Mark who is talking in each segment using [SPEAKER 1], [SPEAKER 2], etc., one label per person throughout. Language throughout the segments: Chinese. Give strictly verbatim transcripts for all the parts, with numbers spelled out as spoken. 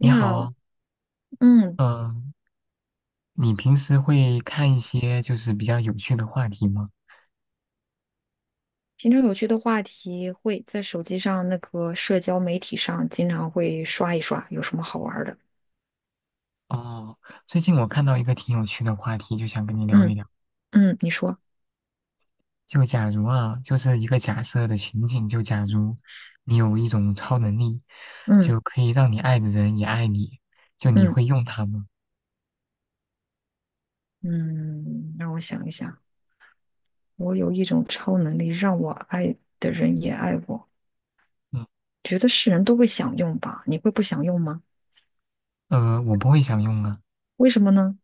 [SPEAKER 1] 你
[SPEAKER 2] 好，
[SPEAKER 1] 好，
[SPEAKER 2] 嗯，
[SPEAKER 1] 嗯，你平时会看一些就是比较有趣的话题吗？
[SPEAKER 2] 平常有趣的话题会在手机上那个社交媒体上经常会刷一刷，有什么好玩儿的？
[SPEAKER 1] 哦，最近我看到一个挺有趣的话题，就想跟你聊一
[SPEAKER 2] 嗯
[SPEAKER 1] 聊。
[SPEAKER 2] 嗯，你说，
[SPEAKER 1] 就假如啊，就是一个假设的情景，就假如你有一种超能力，
[SPEAKER 2] 嗯
[SPEAKER 1] 就可以让你爱的人也爱你，就你
[SPEAKER 2] 嗯
[SPEAKER 1] 会用它吗？
[SPEAKER 2] 嗯，让我想一想，我有一种超能力，让我爱的人也爱我，
[SPEAKER 1] 嗯，
[SPEAKER 2] 觉得是人都会想用吧？你会不想用吗？
[SPEAKER 1] 呃，我不会想用啊，
[SPEAKER 2] 为什么呢？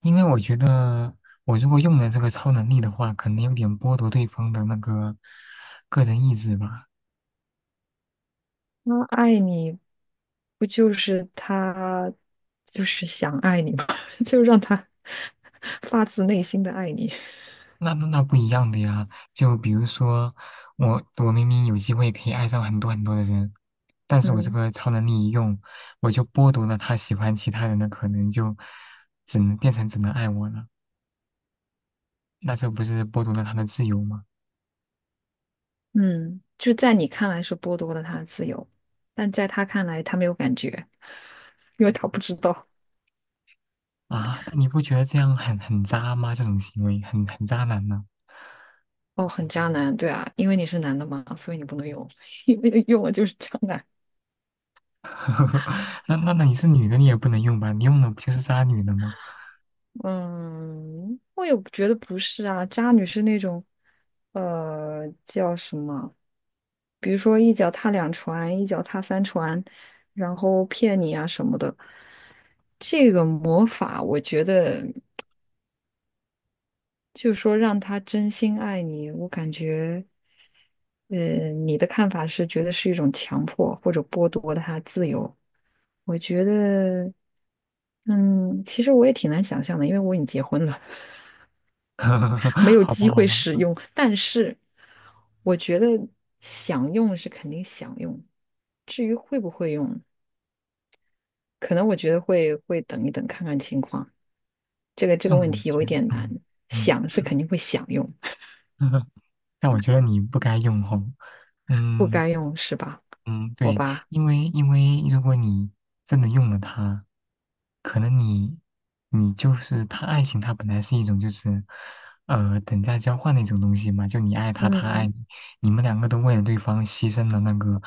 [SPEAKER 1] 因为我觉得我如果用了这个超能力的话，可能有点剥夺对方的那个个人意志吧。
[SPEAKER 2] 他爱你，不就是他就是想爱你吗？就让他 发自内心的爱你，
[SPEAKER 1] 那那那不一样的呀，就比如说，我我明明有机会可以爱上很多很多的人，但是我这
[SPEAKER 2] 嗯。
[SPEAKER 1] 个超能力一用，我就剥夺了他喜欢其他人的可能，就只能变成只能爱我了，那这不是剥夺了他的自由吗？
[SPEAKER 2] 嗯，就在你看来是剥夺了他的自由，但在他看来他没有感觉，因为他不知道。
[SPEAKER 1] 啊，那你不觉得这样很很渣吗？这种行为很很渣男呢。
[SPEAKER 2] 哦，很渣男，对啊，因为你是男的嘛，所以你不能用，因为用了就是渣男。
[SPEAKER 1] 那那那你是女的，你也不能用吧？你用的不就是渣女的吗？
[SPEAKER 2] 嗯，我也觉得不是啊，渣女是那种，呃，叫什么？比如说一脚踏两船，一脚踏三船，然后骗你啊什么的。这个魔法，我觉得就是说让他真心爱你，我感觉。呃，你的看法是觉得是一种强迫或者剥夺他自由？我觉得，嗯，其实我也挺难想象的，因为我已经结婚了，没有
[SPEAKER 1] 好吧
[SPEAKER 2] 机
[SPEAKER 1] 好
[SPEAKER 2] 会
[SPEAKER 1] 吧，
[SPEAKER 2] 使用。但是，我觉得想用是肯定想用，至于会不会用，可能我觉得会会等一等看看情况。这个这个
[SPEAKER 1] 但
[SPEAKER 2] 问
[SPEAKER 1] 我
[SPEAKER 2] 题有一
[SPEAKER 1] 觉得，
[SPEAKER 2] 点难，
[SPEAKER 1] 嗯嗯，
[SPEAKER 2] 想是肯定会想用，
[SPEAKER 1] 但我觉得你不该用吼。
[SPEAKER 2] 不
[SPEAKER 1] 嗯
[SPEAKER 2] 该用是吧？
[SPEAKER 1] 嗯，
[SPEAKER 2] 好
[SPEAKER 1] 对，
[SPEAKER 2] 吧，
[SPEAKER 1] 因为因为如果你真的用了它，可能你你就是他爱情，它本来是一种就是呃等价交换的一种东西嘛，就你爱他，他爱你，
[SPEAKER 2] 嗯
[SPEAKER 1] 你们两个都为了对方牺牲了那个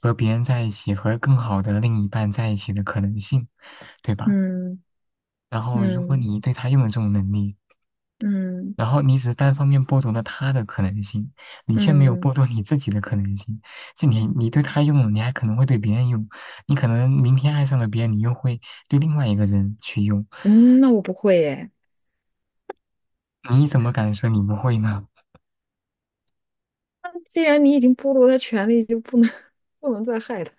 [SPEAKER 1] 和别人在一起和更好的另一半在一起的可能性，对吧？
[SPEAKER 2] 嗯
[SPEAKER 1] 然后如果
[SPEAKER 2] 嗯
[SPEAKER 1] 你对他用了这种能力，
[SPEAKER 2] 嗯。
[SPEAKER 1] 然后你只是单方面剥夺了他的可能性，你却没有
[SPEAKER 2] 嗯
[SPEAKER 1] 剥夺你自己的可能性。就你，你对他用了，你还可能会对别人用，你可能明天爱上了别人，你又会对另外一个人去用，
[SPEAKER 2] 嗯，那我不会耶。
[SPEAKER 1] 你怎么敢说你不会呢？
[SPEAKER 2] 那既然你已经剥夺他权利，就不能 不能再害他，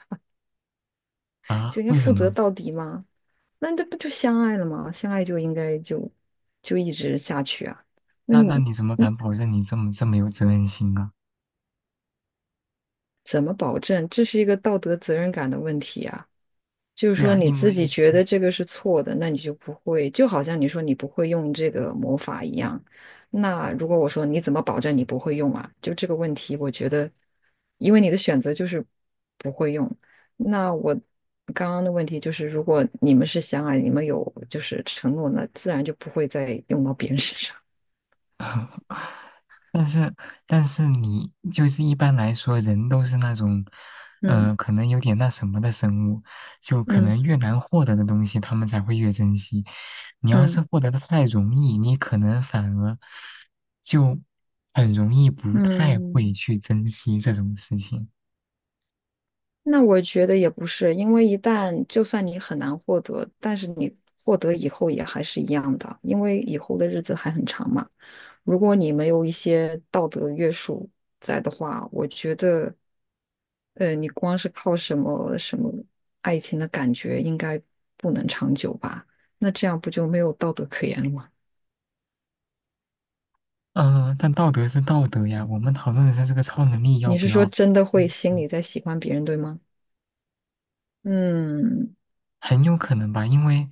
[SPEAKER 1] 啊，
[SPEAKER 2] 就应该
[SPEAKER 1] 为什
[SPEAKER 2] 负责
[SPEAKER 1] 么？
[SPEAKER 2] 到底嘛。那这不就相爱了吗？相爱就应该就就一直下去啊。那
[SPEAKER 1] 那那
[SPEAKER 2] 你
[SPEAKER 1] 你怎么
[SPEAKER 2] 你
[SPEAKER 1] 敢保证你这么这么有责任心啊？
[SPEAKER 2] 怎么保证？这是一个道德责任感的问题啊。就是
[SPEAKER 1] 对
[SPEAKER 2] 说
[SPEAKER 1] 啊，
[SPEAKER 2] 你
[SPEAKER 1] 因
[SPEAKER 2] 自己
[SPEAKER 1] 为
[SPEAKER 2] 觉得这个是错的，那你就不会，就好像你说你不会用这个魔法一样。那如果我说你怎么保证你不会用啊？就这个问题，我觉得，因为你的选择就是不会用。那我刚刚的问题就是，如果你们是相爱，你们有就是承诺，那自然就不会再用到别人身上。
[SPEAKER 1] 但是，但是你就是一般来说，人都是那种，
[SPEAKER 2] 嗯
[SPEAKER 1] 呃，可能有点那什么的生物，就可
[SPEAKER 2] 嗯
[SPEAKER 1] 能越难获得的东西，他们才会越珍惜。你要是
[SPEAKER 2] 嗯
[SPEAKER 1] 获得的太容易，你可能反而就很容易不太
[SPEAKER 2] 嗯。
[SPEAKER 1] 会去珍惜这种事情。
[SPEAKER 2] 那我觉得也不是，因为一旦就算你很难获得，但是你获得以后也还是一样的，因为以后的日子还很长嘛。如果你没有一些道德约束在的话，我觉得，呃，你光是靠什么什么爱情的感觉，应该不能长久吧？那这样不就没有道德可言了吗？
[SPEAKER 1] 嗯，但道德是道德呀，我们讨论的是这个超能力要
[SPEAKER 2] 你
[SPEAKER 1] 不
[SPEAKER 2] 是说
[SPEAKER 1] 要，
[SPEAKER 2] 真的会
[SPEAKER 1] 嗯
[SPEAKER 2] 心
[SPEAKER 1] 嗯
[SPEAKER 2] 里在喜欢别人，对吗？嗯
[SPEAKER 1] 很有可能吧，因为，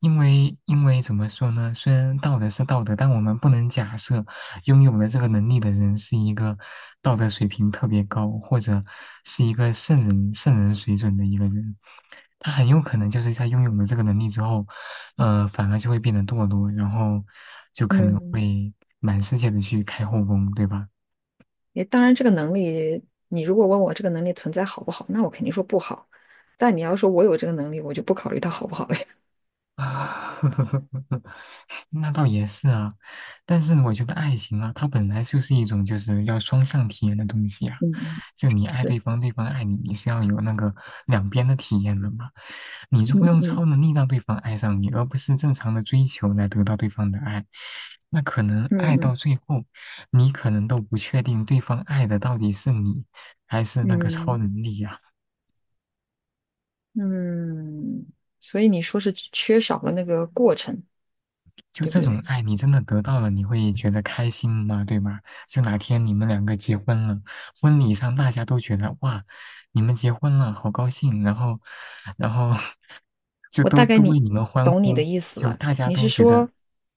[SPEAKER 1] 因为，因为怎么说呢？虽然道德是道德，但我们不能假设拥有了这个能力的人是一个道德水平特别高，或者是一个圣人、圣人水准的一个人。他很有可能就是在拥有了这个能力之后，呃，反而就会变得堕落，然后就可能
[SPEAKER 2] 嗯，
[SPEAKER 1] 会满世界的去开后宫，对吧？
[SPEAKER 2] 也当然，这个能力，你如果问我这个能力存在好不好，那我肯定说不好。但你要说我有这个能力，我就不考虑它好不好了。
[SPEAKER 1] 那倒也是啊，但是我觉得爱情啊，它本来就是一种就是要双向体验的东西啊。
[SPEAKER 2] 嗯嗯，
[SPEAKER 1] 就你爱
[SPEAKER 2] 是，
[SPEAKER 1] 对方，对方爱你，你是要有那个两边的体验的嘛。你如
[SPEAKER 2] 嗯
[SPEAKER 1] 果用
[SPEAKER 2] 嗯
[SPEAKER 1] 超能力让对方爱上你，而不是正常的追求来得到对方的爱，那可能爱到
[SPEAKER 2] 嗯
[SPEAKER 1] 最后，你可能都不确定对方爱的到底是你还是那个超
[SPEAKER 2] 嗯
[SPEAKER 1] 能力呀，
[SPEAKER 2] 嗯嗯，所以你说是缺少了那个过程，
[SPEAKER 1] 就
[SPEAKER 2] 对不
[SPEAKER 1] 这种
[SPEAKER 2] 对？
[SPEAKER 1] 爱，你真的得到了，你会觉得开心吗？对吗？就哪天你们两个结婚了，婚礼上大家都觉得哇，你们结婚了，好高兴，然后，然后 就
[SPEAKER 2] 我
[SPEAKER 1] 都
[SPEAKER 2] 大概
[SPEAKER 1] 都为
[SPEAKER 2] 你
[SPEAKER 1] 你们欢
[SPEAKER 2] 懂你的
[SPEAKER 1] 呼，
[SPEAKER 2] 意思
[SPEAKER 1] 就
[SPEAKER 2] 了。
[SPEAKER 1] 大家
[SPEAKER 2] 你是
[SPEAKER 1] 都觉得，
[SPEAKER 2] 说，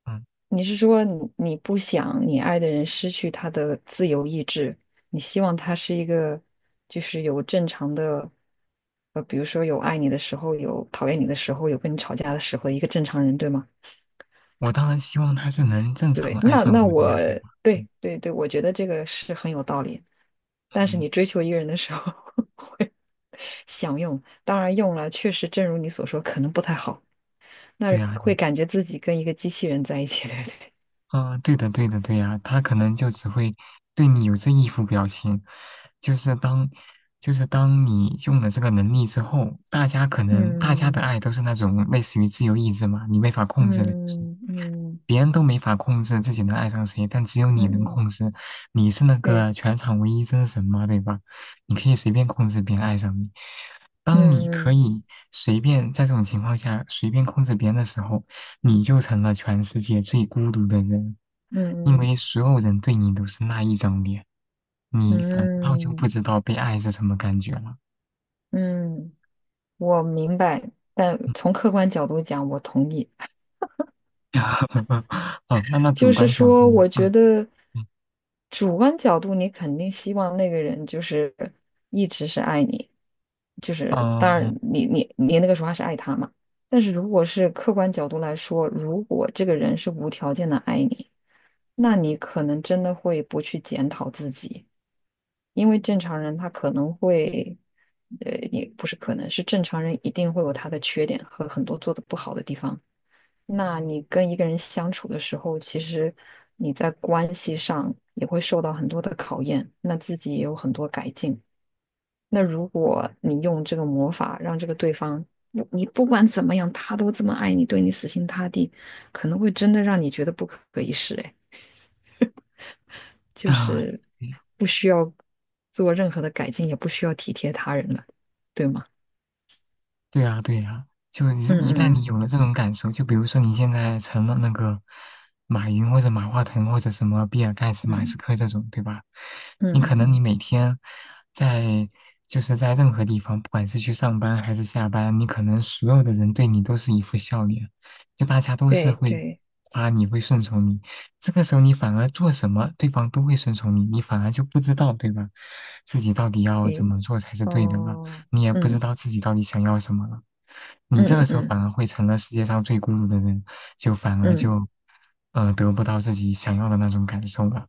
[SPEAKER 1] 嗯，
[SPEAKER 2] 你是说你你不想你爱的人失去他的自由意志，你希望他是一个就是有正常的，呃，比如说有爱你的时候，有讨厌你的时候，有跟你吵架的时候，一个正常人，对吗？
[SPEAKER 1] 我当然希望他是能正
[SPEAKER 2] 对，
[SPEAKER 1] 常爱
[SPEAKER 2] 那
[SPEAKER 1] 上
[SPEAKER 2] 那
[SPEAKER 1] 我的
[SPEAKER 2] 我
[SPEAKER 1] 呀，对吧？
[SPEAKER 2] 对
[SPEAKER 1] 嗯，
[SPEAKER 2] 对对，我觉得这个是很有道理。但是
[SPEAKER 1] 嗯
[SPEAKER 2] 你追求一个人的时候 会想用，当然用了，确实正如你所说，可能不太好。那
[SPEAKER 1] 对呀，
[SPEAKER 2] 会感觉自己跟一个机器人在一起，对不对？
[SPEAKER 1] 啊，对的，对的，对呀，他可能就只会对你有这一副表情，就是当，就是当你用了这个能力之后，大家可 能大家的
[SPEAKER 2] 嗯
[SPEAKER 1] 爱都是那种类似于自由意志嘛，你没法控制的，就是
[SPEAKER 2] 嗯嗯
[SPEAKER 1] 别人都没法控制自己能爱上谁，但只有你能
[SPEAKER 2] 嗯，
[SPEAKER 1] 控制。你是那
[SPEAKER 2] 对，
[SPEAKER 1] 个全场唯一真神嘛，对吧？你可以随便控制别人爱上你。当你可
[SPEAKER 2] 嗯
[SPEAKER 1] 以随便在这种情况下随便控制别人的时候，你就成了全世界最孤独的人，因
[SPEAKER 2] 嗯
[SPEAKER 1] 为所有人对你都是那一张脸，
[SPEAKER 2] 嗯
[SPEAKER 1] 你反倒就不
[SPEAKER 2] 嗯
[SPEAKER 1] 知道被爱是什么感觉了。
[SPEAKER 2] 嗯，我明白。但
[SPEAKER 1] 嗯，
[SPEAKER 2] 从客观角度讲，我同意。
[SPEAKER 1] 哦，那那
[SPEAKER 2] 就
[SPEAKER 1] 主
[SPEAKER 2] 是
[SPEAKER 1] 观角度
[SPEAKER 2] 说，
[SPEAKER 1] 呢？
[SPEAKER 2] 我觉
[SPEAKER 1] 嗯
[SPEAKER 2] 得
[SPEAKER 1] 嗯
[SPEAKER 2] 主观角度，你肯定希望那个人就是一直是爱你，就是当
[SPEAKER 1] 嗯
[SPEAKER 2] 然
[SPEAKER 1] 嗯，
[SPEAKER 2] 你你你那个时候还是爱他嘛。但是如果是客观角度来说，如果这个人是无条件的爱你。那你可能真的会不去检讨自己，因为正常人他可能会，呃，也不是可能，是正常人一定会有他的缺点和很多做的不好的地方。那你跟一个人相处的时候，其实你在关系上也会受到很多的考验，那自己也有很多改进。那如果你用这个魔法让这个对方，不你不管怎么样，他都这么爱你，对你死心塌地，可能会真的让你觉得不可一世。哎。就
[SPEAKER 1] 啊
[SPEAKER 2] 是
[SPEAKER 1] 对
[SPEAKER 2] 不需要做任何的改进，也不需要体贴他人了，对吗？
[SPEAKER 1] 对呀，对呀，就你一旦
[SPEAKER 2] 嗯
[SPEAKER 1] 你
[SPEAKER 2] 嗯
[SPEAKER 1] 有了这种感受，就比如说你现在成了那个马云或者马化腾或者什么比尔盖茨、马斯
[SPEAKER 2] 嗯
[SPEAKER 1] 克这种，对吧？你可
[SPEAKER 2] 嗯嗯
[SPEAKER 1] 能你
[SPEAKER 2] 嗯，
[SPEAKER 1] 每天在就是在任何地方，不管是去上班还是下班，你可能所有的人对你都是一副笑脸，就大家都是
[SPEAKER 2] 对
[SPEAKER 1] 会
[SPEAKER 2] 对，
[SPEAKER 1] 夸你，会顺从你。这个时候你反而做什么，对方都会顺从你，你反而就不知道，对吧？自己到底要怎
[SPEAKER 2] 诶，
[SPEAKER 1] 么做才是对的了。
[SPEAKER 2] 哦，
[SPEAKER 1] 你也不知
[SPEAKER 2] 嗯
[SPEAKER 1] 道自己到底想要什么了。你这个
[SPEAKER 2] 嗯
[SPEAKER 1] 时候反
[SPEAKER 2] 嗯
[SPEAKER 1] 而会成了世界上最孤独的人，就反而
[SPEAKER 2] 嗯
[SPEAKER 1] 就，呃，得不到自己想要的那种感受了。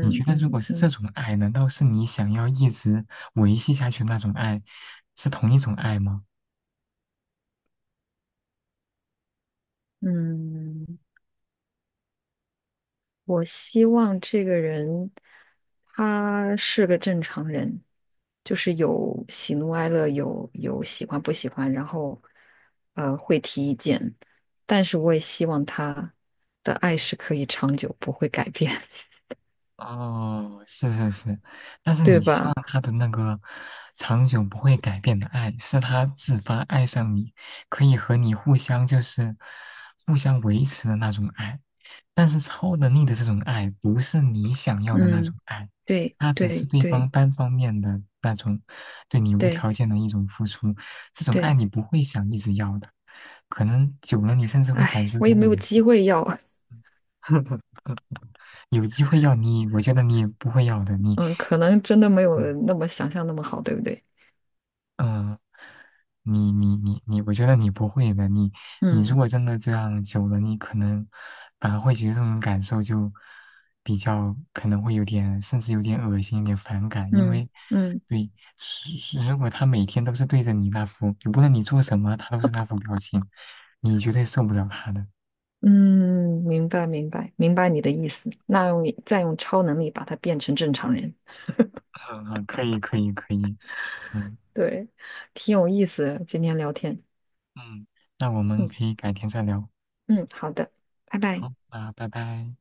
[SPEAKER 1] 你觉
[SPEAKER 2] 嗯
[SPEAKER 1] 得如果
[SPEAKER 2] 嗯
[SPEAKER 1] 是这
[SPEAKER 2] 嗯
[SPEAKER 1] 种爱，难道是你想要一直维系下去的那种爱，是同一种爱吗？
[SPEAKER 2] 嗯，我希望这个人他是个正常人，就是有喜怒哀乐，有有喜欢不喜欢，然后呃会提意见，但是我也希望他的爱是可以长久，不会改变，
[SPEAKER 1] 哦，是是是，但 是
[SPEAKER 2] 对
[SPEAKER 1] 你希望
[SPEAKER 2] 吧？
[SPEAKER 1] 他的那个长久不会改变的爱，是他自发爱上你，可以和你互相就是互相维持的那种爱。但是超能力的这种爱，不是你想要的那种
[SPEAKER 2] 嗯，
[SPEAKER 1] 爱，
[SPEAKER 2] 对
[SPEAKER 1] 它只是
[SPEAKER 2] 对
[SPEAKER 1] 对方
[SPEAKER 2] 对
[SPEAKER 1] 单方面的那种对你无
[SPEAKER 2] 对
[SPEAKER 1] 条件的一种付出。这种爱
[SPEAKER 2] 对，
[SPEAKER 1] 你不会想一直要的，可能久了你甚至会感
[SPEAKER 2] 哎，
[SPEAKER 1] 觉有
[SPEAKER 2] 我也
[SPEAKER 1] 点
[SPEAKER 2] 没
[SPEAKER 1] 恶
[SPEAKER 2] 有
[SPEAKER 1] 心。
[SPEAKER 2] 机会要，
[SPEAKER 1] 有机会要你，我觉得你也不会要的。你，
[SPEAKER 2] 嗯，可能真的没有
[SPEAKER 1] 嗯
[SPEAKER 2] 那么想象那么好，对不对？
[SPEAKER 1] 嗯，你你你你，我觉得你不会的。你你如
[SPEAKER 2] 嗯
[SPEAKER 1] 果真的这样久了，你可能反而会觉得这种感受就比较可能会有点，甚至有点恶心，有点反感。因
[SPEAKER 2] 嗯
[SPEAKER 1] 为
[SPEAKER 2] 嗯。
[SPEAKER 1] 对，是是如果他每天都是对着你那副，就不论你做什么，他都是那副表情，你绝对受不了他的。
[SPEAKER 2] 嗯，明白明白明白你的意思。那用再用超能力把它变成正常人，
[SPEAKER 1] 嗯嗯，可以可以可以，嗯
[SPEAKER 2] 对，挺有意思的。今天聊天，
[SPEAKER 1] 嗯，那我们
[SPEAKER 2] 嗯
[SPEAKER 1] 可以改天再聊。
[SPEAKER 2] 嗯，好的，拜拜。
[SPEAKER 1] 好，那拜拜。